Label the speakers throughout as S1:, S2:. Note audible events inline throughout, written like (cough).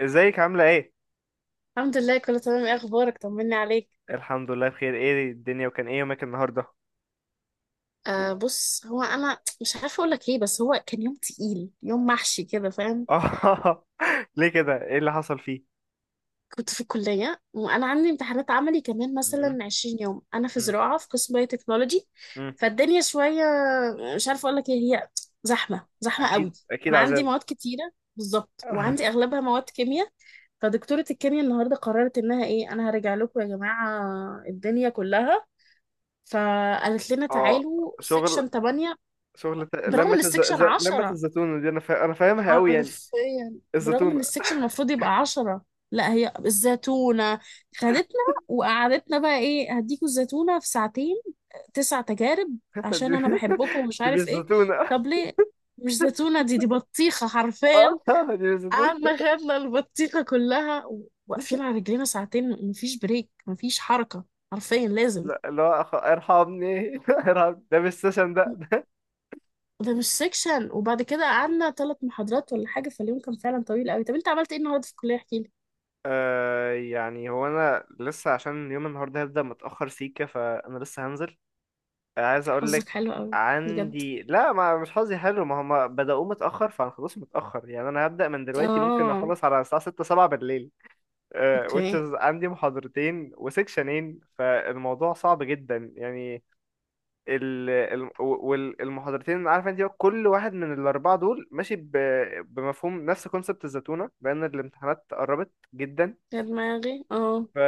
S1: ازيك عاملة ايه؟
S2: الحمد لله، كله تمام. ايه اخبارك؟ طمني عليك.
S1: الحمد لله بخير، ايه الدنيا وكان ايه يومك النهاردة؟
S2: آه بص، هو انا مش عارفه اقول لك ايه، بس هو كان يوم تقيل، يوم محشي كده فاهم.
S1: اه (laughs) ليه كده؟ ايه اللي حصل فيه؟
S2: كنت في الكليه وانا عندي امتحانات عملي كمان
S1: مم،
S2: مثلا 20 يوم. انا في
S1: مم،
S2: زراعه في قسم باي تكنولوجي
S1: مم.
S2: فالدنيا شويه. مش عارفه اقول لك ايه، هي زحمه
S1: اكيد
S2: قوي.
S1: اكيد
S2: انا عندي
S1: عذاب.
S2: مواد كتيره بالظبط، وعندي
S1: (laughs)
S2: اغلبها مواد كيمياء. فدكتوره الكيمياء النهارده قررت انها ايه، انا هرجع لكم يا جماعه الدنيا كلها. فقالت لنا
S1: اه
S2: تعالوا
S1: شغل
S2: سيكشن 8 برغم
S1: لما
S2: ان
S1: الز...
S2: السكشن
S1: ز... لما
S2: عشرة.
S1: الزتونة دي، انا فاهمها قوي يعني.
S2: حرفيا برغم ان
S1: الزتونة.
S2: السكشن المفروض يبقى عشرة، لا، هي الزيتونة خدتنا وقعدتنا بقى ايه، هديكوا الزيتونة في ساعتين تسع تجارب
S1: (laughs) دي,
S2: عشان انا بحبكم ومش
S1: دي مش
S2: عارف ايه.
S1: زتونة.
S2: طب ليه؟ مش زيتونة دي، دي بطيخة حرفيا.
S1: (laughs) اه دي مش زتونة.
S2: قعدنا خدنا البطيخة كلها، واقفين على رجلينا ساعتين، مفيش بريك مفيش حركة، حرفيا لازم.
S1: لا اللي هو ارحمني. (laughs) ارحمني، ده مش سيشن ده.
S2: ده مش سيكشن. وبعد كده قعدنا ثلاث محاضرات ولا حاجة، فاليوم كان فعلا طويل قوي. طب انت عملت ايه النهارده في الكلية؟ احكي لي.
S1: آه يعني هو انا لسه، عشان يوم النهارده هبدأ متأخر سيكة فانا لسه هنزل. عايز اقول لك
S2: حظك حلو قوي. بجد.
S1: عندي، لا، ما مش حظي حلو، ما هم بدأوه متأخر فانا خلاص متأخر يعني. انا هبدأ من دلوقتي ممكن
S2: اه.
S1: اخلص على الساعة 6 7 بالليل. آه، which
S2: اوكي.
S1: is عندي محاضرتين وسكشنين فالموضوع صعب جدا يعني. والمحاضرتين، عارف انت، كل واحد من الاربعة دول ماشي بمفهوم نفس كونسبت الزتونة لان الامتحانات قربت جدا.
S2: يا دماغي اه.
S1: ف-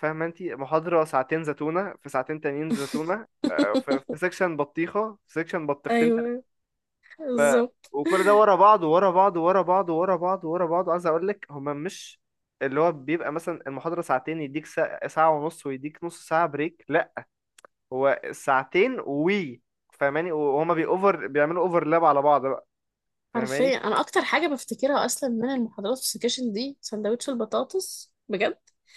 S1: فاهمه انت، محاضره ساعتين زتونه في ساعتين تانيين زتونه. آه، في
S2: (laughs)
S1: سيكشن بطيخه، في سيكشن بطيختين تلاتة.
S2: ايوه
S1: ف-
S2: بالظبط.
S1: وكل ده ورا بعض ورا بعض ورا بعض ورا بعض ورا بعض، عايز اقول لك هما مش اللي هو بيبقى مثلا المحاضره ساعتين يديك ساعه ونص ويديك نص ساعه بريك، لا، هو ساعتين وي فاهماني، وهما بيأوفر بيعملوا اوفرلاب على بعض بقى، فاهماني.
S2: حرفيا انا اكتر حاجة بفتكرها اصلا من المحاضرات في السكشن دي سندوتش البطاطس،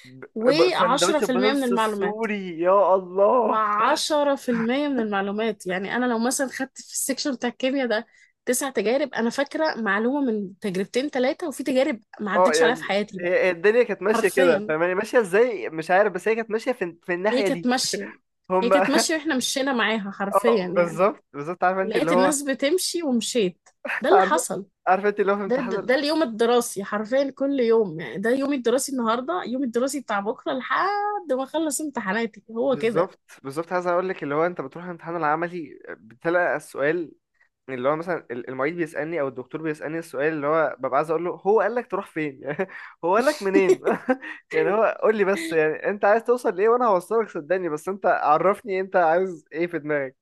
S2: بجد.
S1: سندوتش
S2: و10% من
S1: البطاطس
S2: المعلومات،
S1: السوري، يا الله!
S2: و10% من المعلومات. يعني أنا لو مثلا خدت في السكشن بتاع الكيمياء ده تسع تجارب، أنا فاكرة معلومة من تجربتين تلاتة، وفي تجارب ما
S1: اه
S2: عدتش عليها في
S1: يعني
S2: حياتي بقى.
S1: هي الدنيا كانت ماشيه كده
S2: حرفيا
S1: فاهماني، ماشيه ازاي مش عارف، بس هي كانت ماشيه في
S2: هي
S1: الناحيه
S2: كانت
S1: دي.
S2: ماشية هي
S1: هم.
S2: كانت
S1: (laughs)
S2: ماشية وإحنا مشينا معاها حرفيا
S1: اه
S2: يعني.
S1: بالظبط، بالظبط، عارفه انت اللي
S2: لقيت
S1: هو.
S2: الناس بتمشي ومشيت، ده
S1: (laughs)
S2: اللي
S1: عارفه،
S2: حصل.
S1: عارفه انت اللي هو في
S2: ده,
S1: امتحان
S2: ده, ده اليوم الدراسي حرفيا كل يوم. يعني ده يومي الدراسي النهاردة، يومي الدراسي بتاع بكرة لحد ما أخلص امتحاناتي، هو كده.
S1: بالظبط بالظبط. عايز اقول لك، اللي هو انت بتروح الامتحان العملي بتلاقي السؤال اللي هو مثلا المعيد بيسالني او الدكتور بيسالني السؤال، اللي هو ببقى عايز اقول له هو قال لك تروح فين؟ (laughs) يعني هو قال لك منين؟
S2: (laughs)
S1: (laughs) يعني، هو قول لي بس، يعني انت عايز توصل لايه وانا هوصلك صدقني، بس انت عرفني انت عايز ايه في دماغك.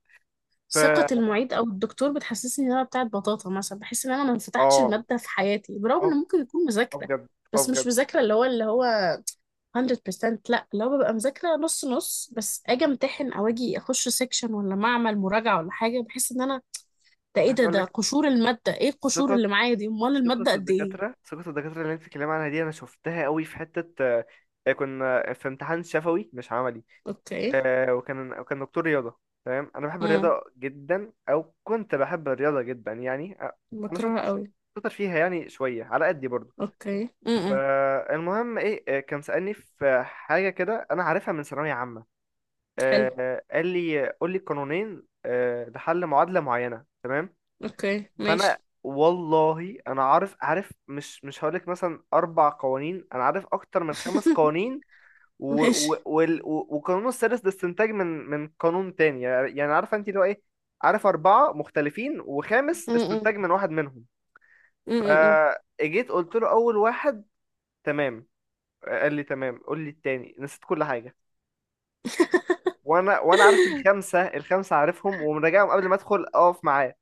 S1: ف
S2: ثقة المعيد أو الدكتور بتحسسني إن أنا بتاعت بطاطا، مثلا بحس إن أنا ما فتحتش
S1: اه
S2: المادة في حياتي، برغم إن
S1: اه
S2: ممكن يكون
S1: اه
S2: مذاكرة.
S1: بجد، اه
S2: بس مش
S1: بجد.
S2: مذاكرة اللي هو 100%. لا، اللي هو ببقى مذاكرة نص نص، بس أجي أمتحن أو أجي أخش سيكشن ولا معمل مراجعة ولا حاجة، بحس إن أنا ده إيه
S1: عايز
S2: ده،
S1: اقول
S2: ده
S1: لك،
S2: قشور المادة. إيه القشور
S1: ثقة،
S2: اللي معايا دي، أمال
S1: ثقة
S2: المادة قد إيه؟
S1: الدكاترة، ثقة الدكاترة اللي انت بتتكلمي عنها دي انا شفتها قوي في حتة. آه، كنا في امتحان شفوي مش عملي.
S2: أوكي.
S1: آه، وكان دكتور رياضة، تمام. انا بحب
S2: امم
S1: الرياضة جدا او كنت بحب الرياضة جدا يعني. آه، انا
S2: بكرهها
S1: شاطر،
S2: قوي.
S1: شاطر فيها، يعني شوية على قدي برضه.
S2: أوكي.
S1: فالمهم ايه، آه، كان سألني في حاجة كده انا عارفها من ثانوية عامة.
S2: حلو.
S1: آه، قال لي قول لي قانونين، آه، لحل معادلة معينة، تمام.
S2: أوكي
S1: فانا
S2: ماشي.
S1: والله انا عارف، عارف، مش هقولك مثلا اربع قوانين، انا عارف اكتر من خمس
S2: (laughs)
S1: قوانين. و و
S2: ماشي.
S1: وال- و والقانون السادس ده استنتاج من قانون تاني يعني، يعني عارفه انت اللي هو ايه. عارف اربعه مختلفين وخامس
S2: امم
S1: استنتاج من واحد منهم.
S2: امم
S1: فاجيت قلت له اول واحد، تمام، قال لي تمام قول لي التاني، نسيت كل حاجه.
S2: (laughs)
S1: وانا عارف الخمسه، الخمسه عارفهم ومراجعهم قبل ما ادخل اقف معاه،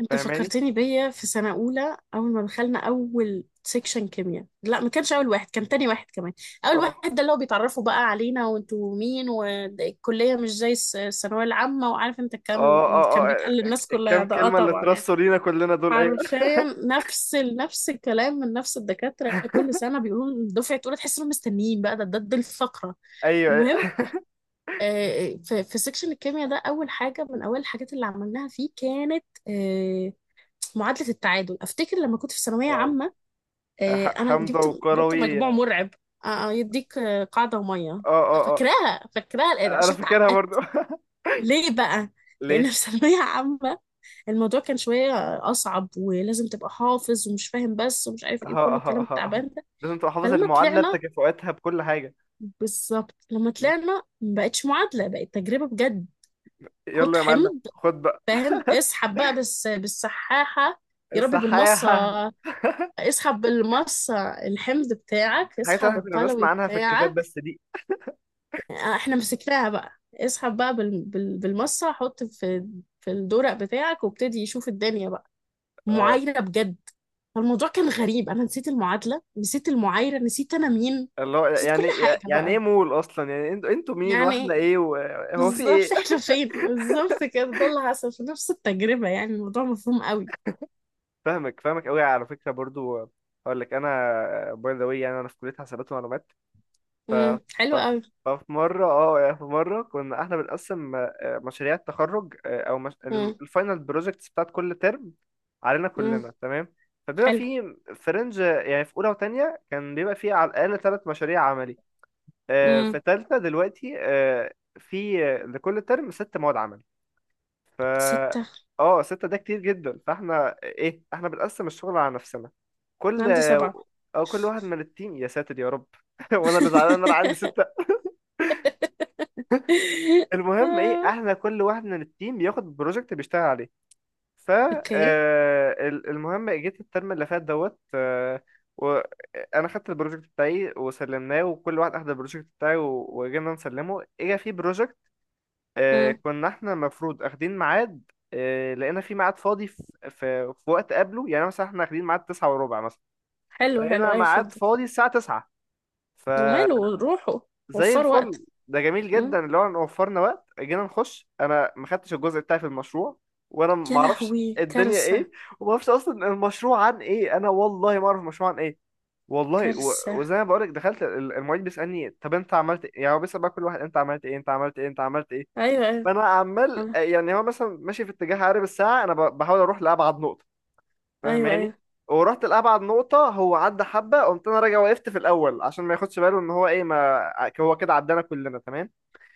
S2: انت
S1: فاهماني.
S2: فكرتني بيا في سنة أولى. أول ما دخلنا أول سيكشن كيمياء، لا ما كانش أول واحد، كان تاني واحد كمان. أول
S1: اه
S2: واحد ده اللي هو بيتعرفوا بقى علينا، وانتوا مين، والكلية مش زي الثانوية العامة، وعارف انت الكلام
S1: اه
S2: اللي
S1: اه
S2: كان
S1: اه.
S2: بيتقال للناس كلها
S1: الكام
S2: ده، اه
S1: كلمة اللي
S2: طبعا يعني.
S1: اترصوا لينا كلنا دول، ايوه
S2: حرفيا نفس الكلام من نفس الدكاترة كل سنة، بيقولوا دفعة أولى تحس انهم مستنيين بقى ده الفقرة.
S1: ايوه
S2: المهم،
S1: ايوه.
S2: في سيكشن الكيمياء ده، أول حاجة من أول الحاجات اللي عملناها فيه كانت آه، معادلة التعادل. أفتكر لما كنت في ثانوية
S1: اه
S2: عامة، أنا
S1: حمزة
S2: جبت
S1: وكروي،
S2: مجموع
S1: اه
S2: مرعب. يديك قاعدة ومية.
S1: اه اه.
S2: فاكراها، فاكراها الآن
S1: انا
S2: عشان
S1: فاكرها برضو.
S2: اتعقدت.
S1: (laughs)
S2: ليه بقى؟ لأن
S1: ليه؟
S2: في (laughs) ثانوية عامة الموضوع كان شوية أصعب، ولازم تبقى حافظ ومش فاهم بس، ومش عارف
S1: ها
S2: إيه كل الكلام
S1: ها، ها ها.
S2: التعبان ده.
S1: لازم تبقى حافظ
S2: فلما
S1: المعادلة
S2: طلعنا،
S1: بتكافؤاتها بكل حاجة.
S2: بالظبط لما
S1: م.
S2: طلعنا ما بقتش معادلة، بقت تجربة بجد. خد
S1: يلا يا معلم
S2: حمض،
S1: خد بقى.
S2: فاهم، اسحب بقى بس بالسحاحة. يا ربي بالمصة.
S1: الصحاحة.
S2: اسحب بالمص الحمض بتاعك،
S1: الحاجات اللي
S2: اسحب
S1: احنا كنا بنسمع
S2: القلوي
S1: عنها في الكتاب
S2: بتاعك.
S1: بس دي.
S2: احنا مسكناها بقى، اسحب بقى بالمصة، حط في في الدورق بتاعك وابتدي يشوف الدنيا بقى.
S1: اه
S2: معايرة بجد. فالموضوع كان غريب، انا نسيت المعادلة، نسيت المعايرة، نسيت انا مين،
S1: اللي هو
S2: نسيت كل
S1: يعني،
S2: حاجة
S1: يعني ايه
S2: بقى.
S1: مول اصلا يعني، انتوا انتوا مين واحنا
S2: يعني
S1: ايه و- هو في
S2: بالظبط
S1: ايه.
S2: احنا فين بالظبط كده. ده اللي حصل في نفس التجربة، يعني الموضوع مفهوم قوي.
S1: فاهمك، فاهمك قوي على فكره برضو. اقول لك انا باي ذا واي، يعني انا في كليه حسابات ومعلومات. ف ف
S2: حلو قوي.
S1: ففي مره، اه يعني في مره كنا احنا بنقسم آه، مشاريع التخرج، آه، او مش...
S2: امم
S1: الفاينل بروجكتس بتاعت كل ترم علينا
S2: امم
S1: كلنا، تمام. فبيبقى
S2: حلو.
S1: في فرنج، يعني في اولى وتانية كان بيبقى في على الاقل ثلاث مشاريع عملي. آه، في
S2: امم
S1: تالتة دلوقتي، آه، في آه، لكل ترم ست مواد عمل. ف
S2: ستة
S1: اه ستة ده كتير جدا. فاحنا ايه، احنا بنقسم الشغل على نفسنا،
S2: أنا
S1: كل
S2: عندي سبعة.
S1: او كل واحد من التيم، يا ساتر يا رب. (laughs) وانا اللي زعلان ان انا عندي
S2: (laughs)
S1: ستة. المهم ايه،
S2: آه،
S1: احنا كل واحد من التيم ياخد بروجكت بيشتغل عليه. ف
S2: اوكي.
S1: آه، المهم، جيت الترم اللي فات دوت، آه، وانا خدت البروجكت بتاعي وسلمناه، وكل واحد اخد البروجكت بتاعي وجينا نسلمه، اجا في بروجكت آه،
S2: مم.
S1: كنا احنا المفروض اخدين ميعاد. آه، لقينا في ميعاد فاضي في وقت قبله، يعني مثلا احنا اخدين ميعاد تسعة وربع مثلا،
S2: حلو حلو
S1: لقينا
S2: ايوه
S1: ميعاد
S2: فهمتك.
S1: فاضي الساعة تسعة، فزي
S2: وماله، روحوا وفروا
S1: الفل.
S2: وقت.
S1: ده جميل
S2: مم.
S1: جدا اللي هو إن وفرنا وقت، جينا نخش انا ما خدتش الجزء بتاعي في المشروع. وانا
S2: يا
S1: ما اعرفش
S2: لهوي
S1: الدنيا
S2: كارثة.
S1: ايه، وما اعرفش اصلا المشروع عن ايه، انا والله ما اعرف المشروع عن ايه. والله
S2: كارثة.
S1: وزي ما بقولك، دخلت المعيد بيسألني طب انت عملت ايه، يعني هو بيسأل بقى كل واحد انت عملت ايه، انت عملت ايه، انت عملت ايه.
S2: ايوه
S1: ما
S2: ايوه.
S1: انا عمال،
S2: آه،
S1: يعني هو مثلا ماشي في اتجاه عقارب الساعه، انا بحاول اروح لابعد نقطه،
S2: ايوه
S1: فاهماني،
S2: ايوه.
S1: ورحت لابعد نقطه هو عدى حبه، قمت انا راجع وقفت في الاول عشان ما ياخدش باله ان هو ايه، ما هو كده عدانا كلنا تمام.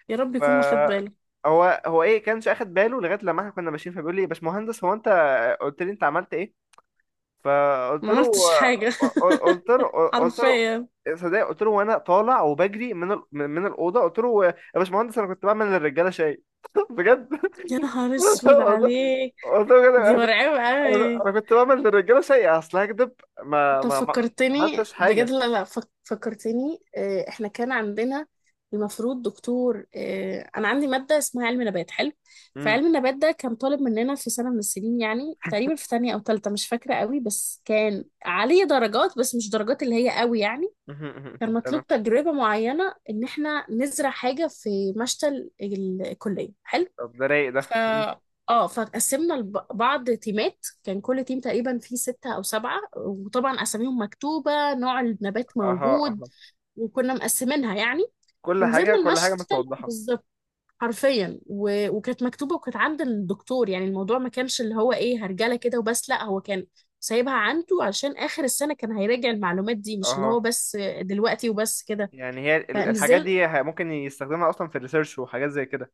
S2: يا رب
S1: ف
S2: يكون ما خد باله.
S1: هو ايه كانش اخد باله لغايه لما احنا كنا ماشيين، فبيقول لي يا باشمهندس هو انت قلت لي انت عملت ايه. فقلت
S2: ما
S1: له
S2: عملتش حاجة. (laughs)
S1: قلت له قلت له
S2: حرفيا.
S1: صدق، قلت له وانا طالع وبجري من من الاوضه، قلت له يا باشمهندس انا كنت بعمل للرجاله شاي. (laughs) بجد
S2: يا نهار اسود
S1: والله،
S2: عليك.
S1: والله بجد.
S2: دي
S1: انا كنت
S2: مرعبة اوي.
S1: انا كنت بعمل للرجاله سيئه اصل هكدب، ما
S2: انت
S1: ما ما
S2: فكرتني
S1: عملتش
S2: بجد.
S1: حاجه.
S2: لا لا فكرتني. احنا كان عندنا المفروض دكتور، انا عندي ماده اسمها علم نبات، حلو.
S1: امم
S2: فعلم النبات ده كان طالب مننا في سنه من السنين، يعني تقريبا في تانية او تالتة مش فاكره قوي، بس كان عليه درجات، بس مش درجات اللي هي قوي يعني. كان
S1: (laughs) تمام.
S2: مطلوب تجربه معينه ان احنا نزرع حاجه في مشتل الكليه، حلو.
S1: طب ده رايق
S2: ف
S1: ده، مم.
S2: اه فقسمنا لب- بعض تيمات، كان كل تيم تقريبا فيه ستة أو سبعة، وطبعا أساميهم مكتوبة، نوع النبات
S1: اها
S2: موجود،
S1: اها.
S2: وكنا مقسمينها يعني.
S1: كل حاجه،
S2: ونزلنا
S1: كل حاجه
S2: المشتل
S1: متوضحه.
S2: بالظبط، حرفيا. وكانت مكتوبة وكانت عند الدكتور، يعني الموضوع ما كانش اللي هو إيه هرجلة كده وبس، لا هو كان سايبها عنده عشان آخر السنة كان هيراجع المعلومات دي، مش اللي هو
S1: اها،
S2: بس دلوقتي وبس كده.
S1: يعني هي الحاجات
S2: فنزل
S1: دي ممكن يستخدمها اصلا في الريسيرش وحاجات زي كده.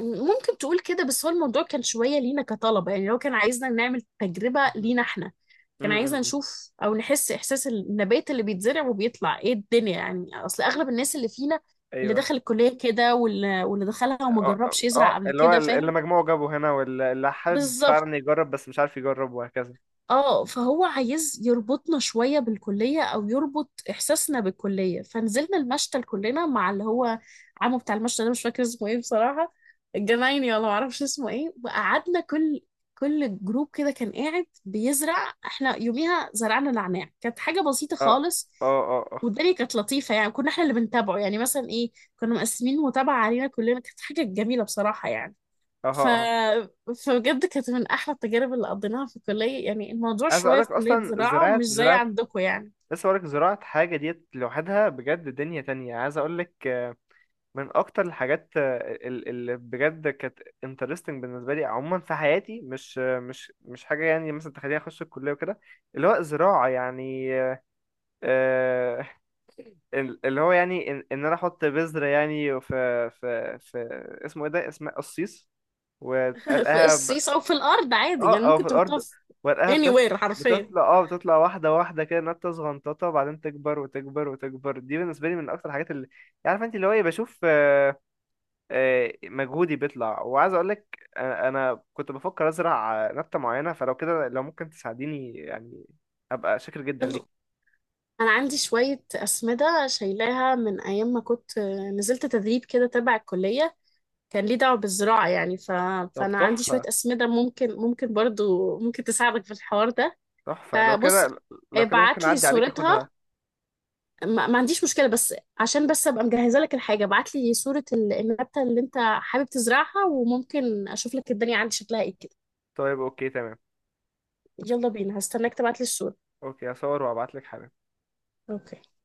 S2: ممكن تقول كده، بس هو الموضوع كان شوية لينا كطلبة. يعني لو كان عايزنا نعمل تجربة
S1: مهم.
S2: لينا احنا،
S1: مم،
S2: كان
S1: مم.
S2: عايزنا
S1: مم.
S2: نشوف او نحس احساس النبات اللي بيتزرع وبيطلع ايه الدنيا، يعني اصل اغلب الناس اللي فينا اللي
S1: ايوه
S2: دخل الكلية كده واللي دخلها وما
S1: اه اه.
S2: جربش يزرع
S1: آه،
S2: قبل
S1: اللي هو
S2: كده،
S1: اللي
S2: فاهم.
S1: مجموعه جابه هنا، واللي اللي حابب
S2: بالظبط.
S1: فعلا يجرب بس مش عارف يجرب، وهكذا.
S2: اه، فهو عايز يربطنا شوية بالكلية او يربط احساسنا بالكلية. فنزلنا المشتل كلنا مع اللي هو عمو بتاع المشتل ده، مش فاكر اسمه ايه بصراحة، الجنايني ولا معرفش اسمه ايه. وقعدنا كل جروب كده كان قاعد بيزرع، احنا يوميها زرعنا نعناع، كانت حاجة بسيطة
S1: اه
S2: خالص.
S1: اه اه اه.
S2: والدنيا كانت لطيفة، يعني كنا احنا اللي بنتابعه. يعني مثلا ايه، كنا مقسمين متابعة علينا كلنا، كانت حاجة جميلة بصراحة يعني.
S1: اها
S2: ف...
S1: اها.
S2: فبجد كانت من احلى التجارب اللي قضيناها في الكليه. يعني الموضوع
S1: عايز اقول
S2: شويه في
S1: لك
S2: كليه
S1: اصلا
S2: زراعه
S1: زراعه
S2: مش زي
S1: زراعه،
S2: عندكم يعني.
S1: لسه بقولك زراعة حاجة ديت لوحدها بجد دنيا تانية. عايز أقولك آه، من أكتر الحاجات آه، اللي بجد كانت interesting بالنسبة لي عموما في حياتي، مش آه، مش حاجة يعني مثلا تخليني أخش الكلية وكده، اللي هو زراعة يعني. آه، اللي هو يعني إن أنا أحط بذرة يعني في اسمه إيه ده، اسمها قصيص
S2: (laughs) في
S1: وتقلقها.
S2: الصيص او في الارض عادي، يعني
S1: اه او
S2: ممكن
S1: في
S2: تحطها
S1: الارض،
S2: في
S1: ورقها بتطلع
S2: anywhere حرفيا.
S1: بتطلع، بتطلع واحده واحده كده نبته صغنططه بعدين تكبر وتكبر وتكبر. دي بالنسبه لي من اكتر الحاجات اللي عارف انت اللي هو ايه، بشوف آه، آه، مجهودي بيطلع. وعايز اقول لك انا، أنا كنت بفكر ازرع آه، نبته معينه فلو كده، لو ممكن تساعديني يعني ابقى شاكر جدا ليك.
S2: يلا. انا عندي شويه اسمده شايلاها من ايام ما كنت نزلت تدريب كده تبع الكليه، كان ليه دعوه بالزراعه يعني.
S1: طب
S2: فانا عندي شويه
S1: تحفه،
S2: اسمده ممكن، ممكن برضو ممكن تساعدك في الحوار ده.
S1: تحفه لو
S2: فبص،
S1: كده، لو كده ممكن
S2: ابعت لي
S1: اعدي عليك
S2: صورتها.
S1: اخدها.
S2: ما عنديش مشكلة، بس عشان بس أبقى مجهزة لك الحاجة ابعت لي صورة النبتة اللي أنت حابب تزرعها، وممكن أشوف لك الدنيا عندي شكلها إيه كده.
S1: طيب اوكي تمام.
S2: يلا بينا، هستناك تبعت لي الصورة.
S1: اوكي هصور وابعت لك حالا.
S2: اوكي.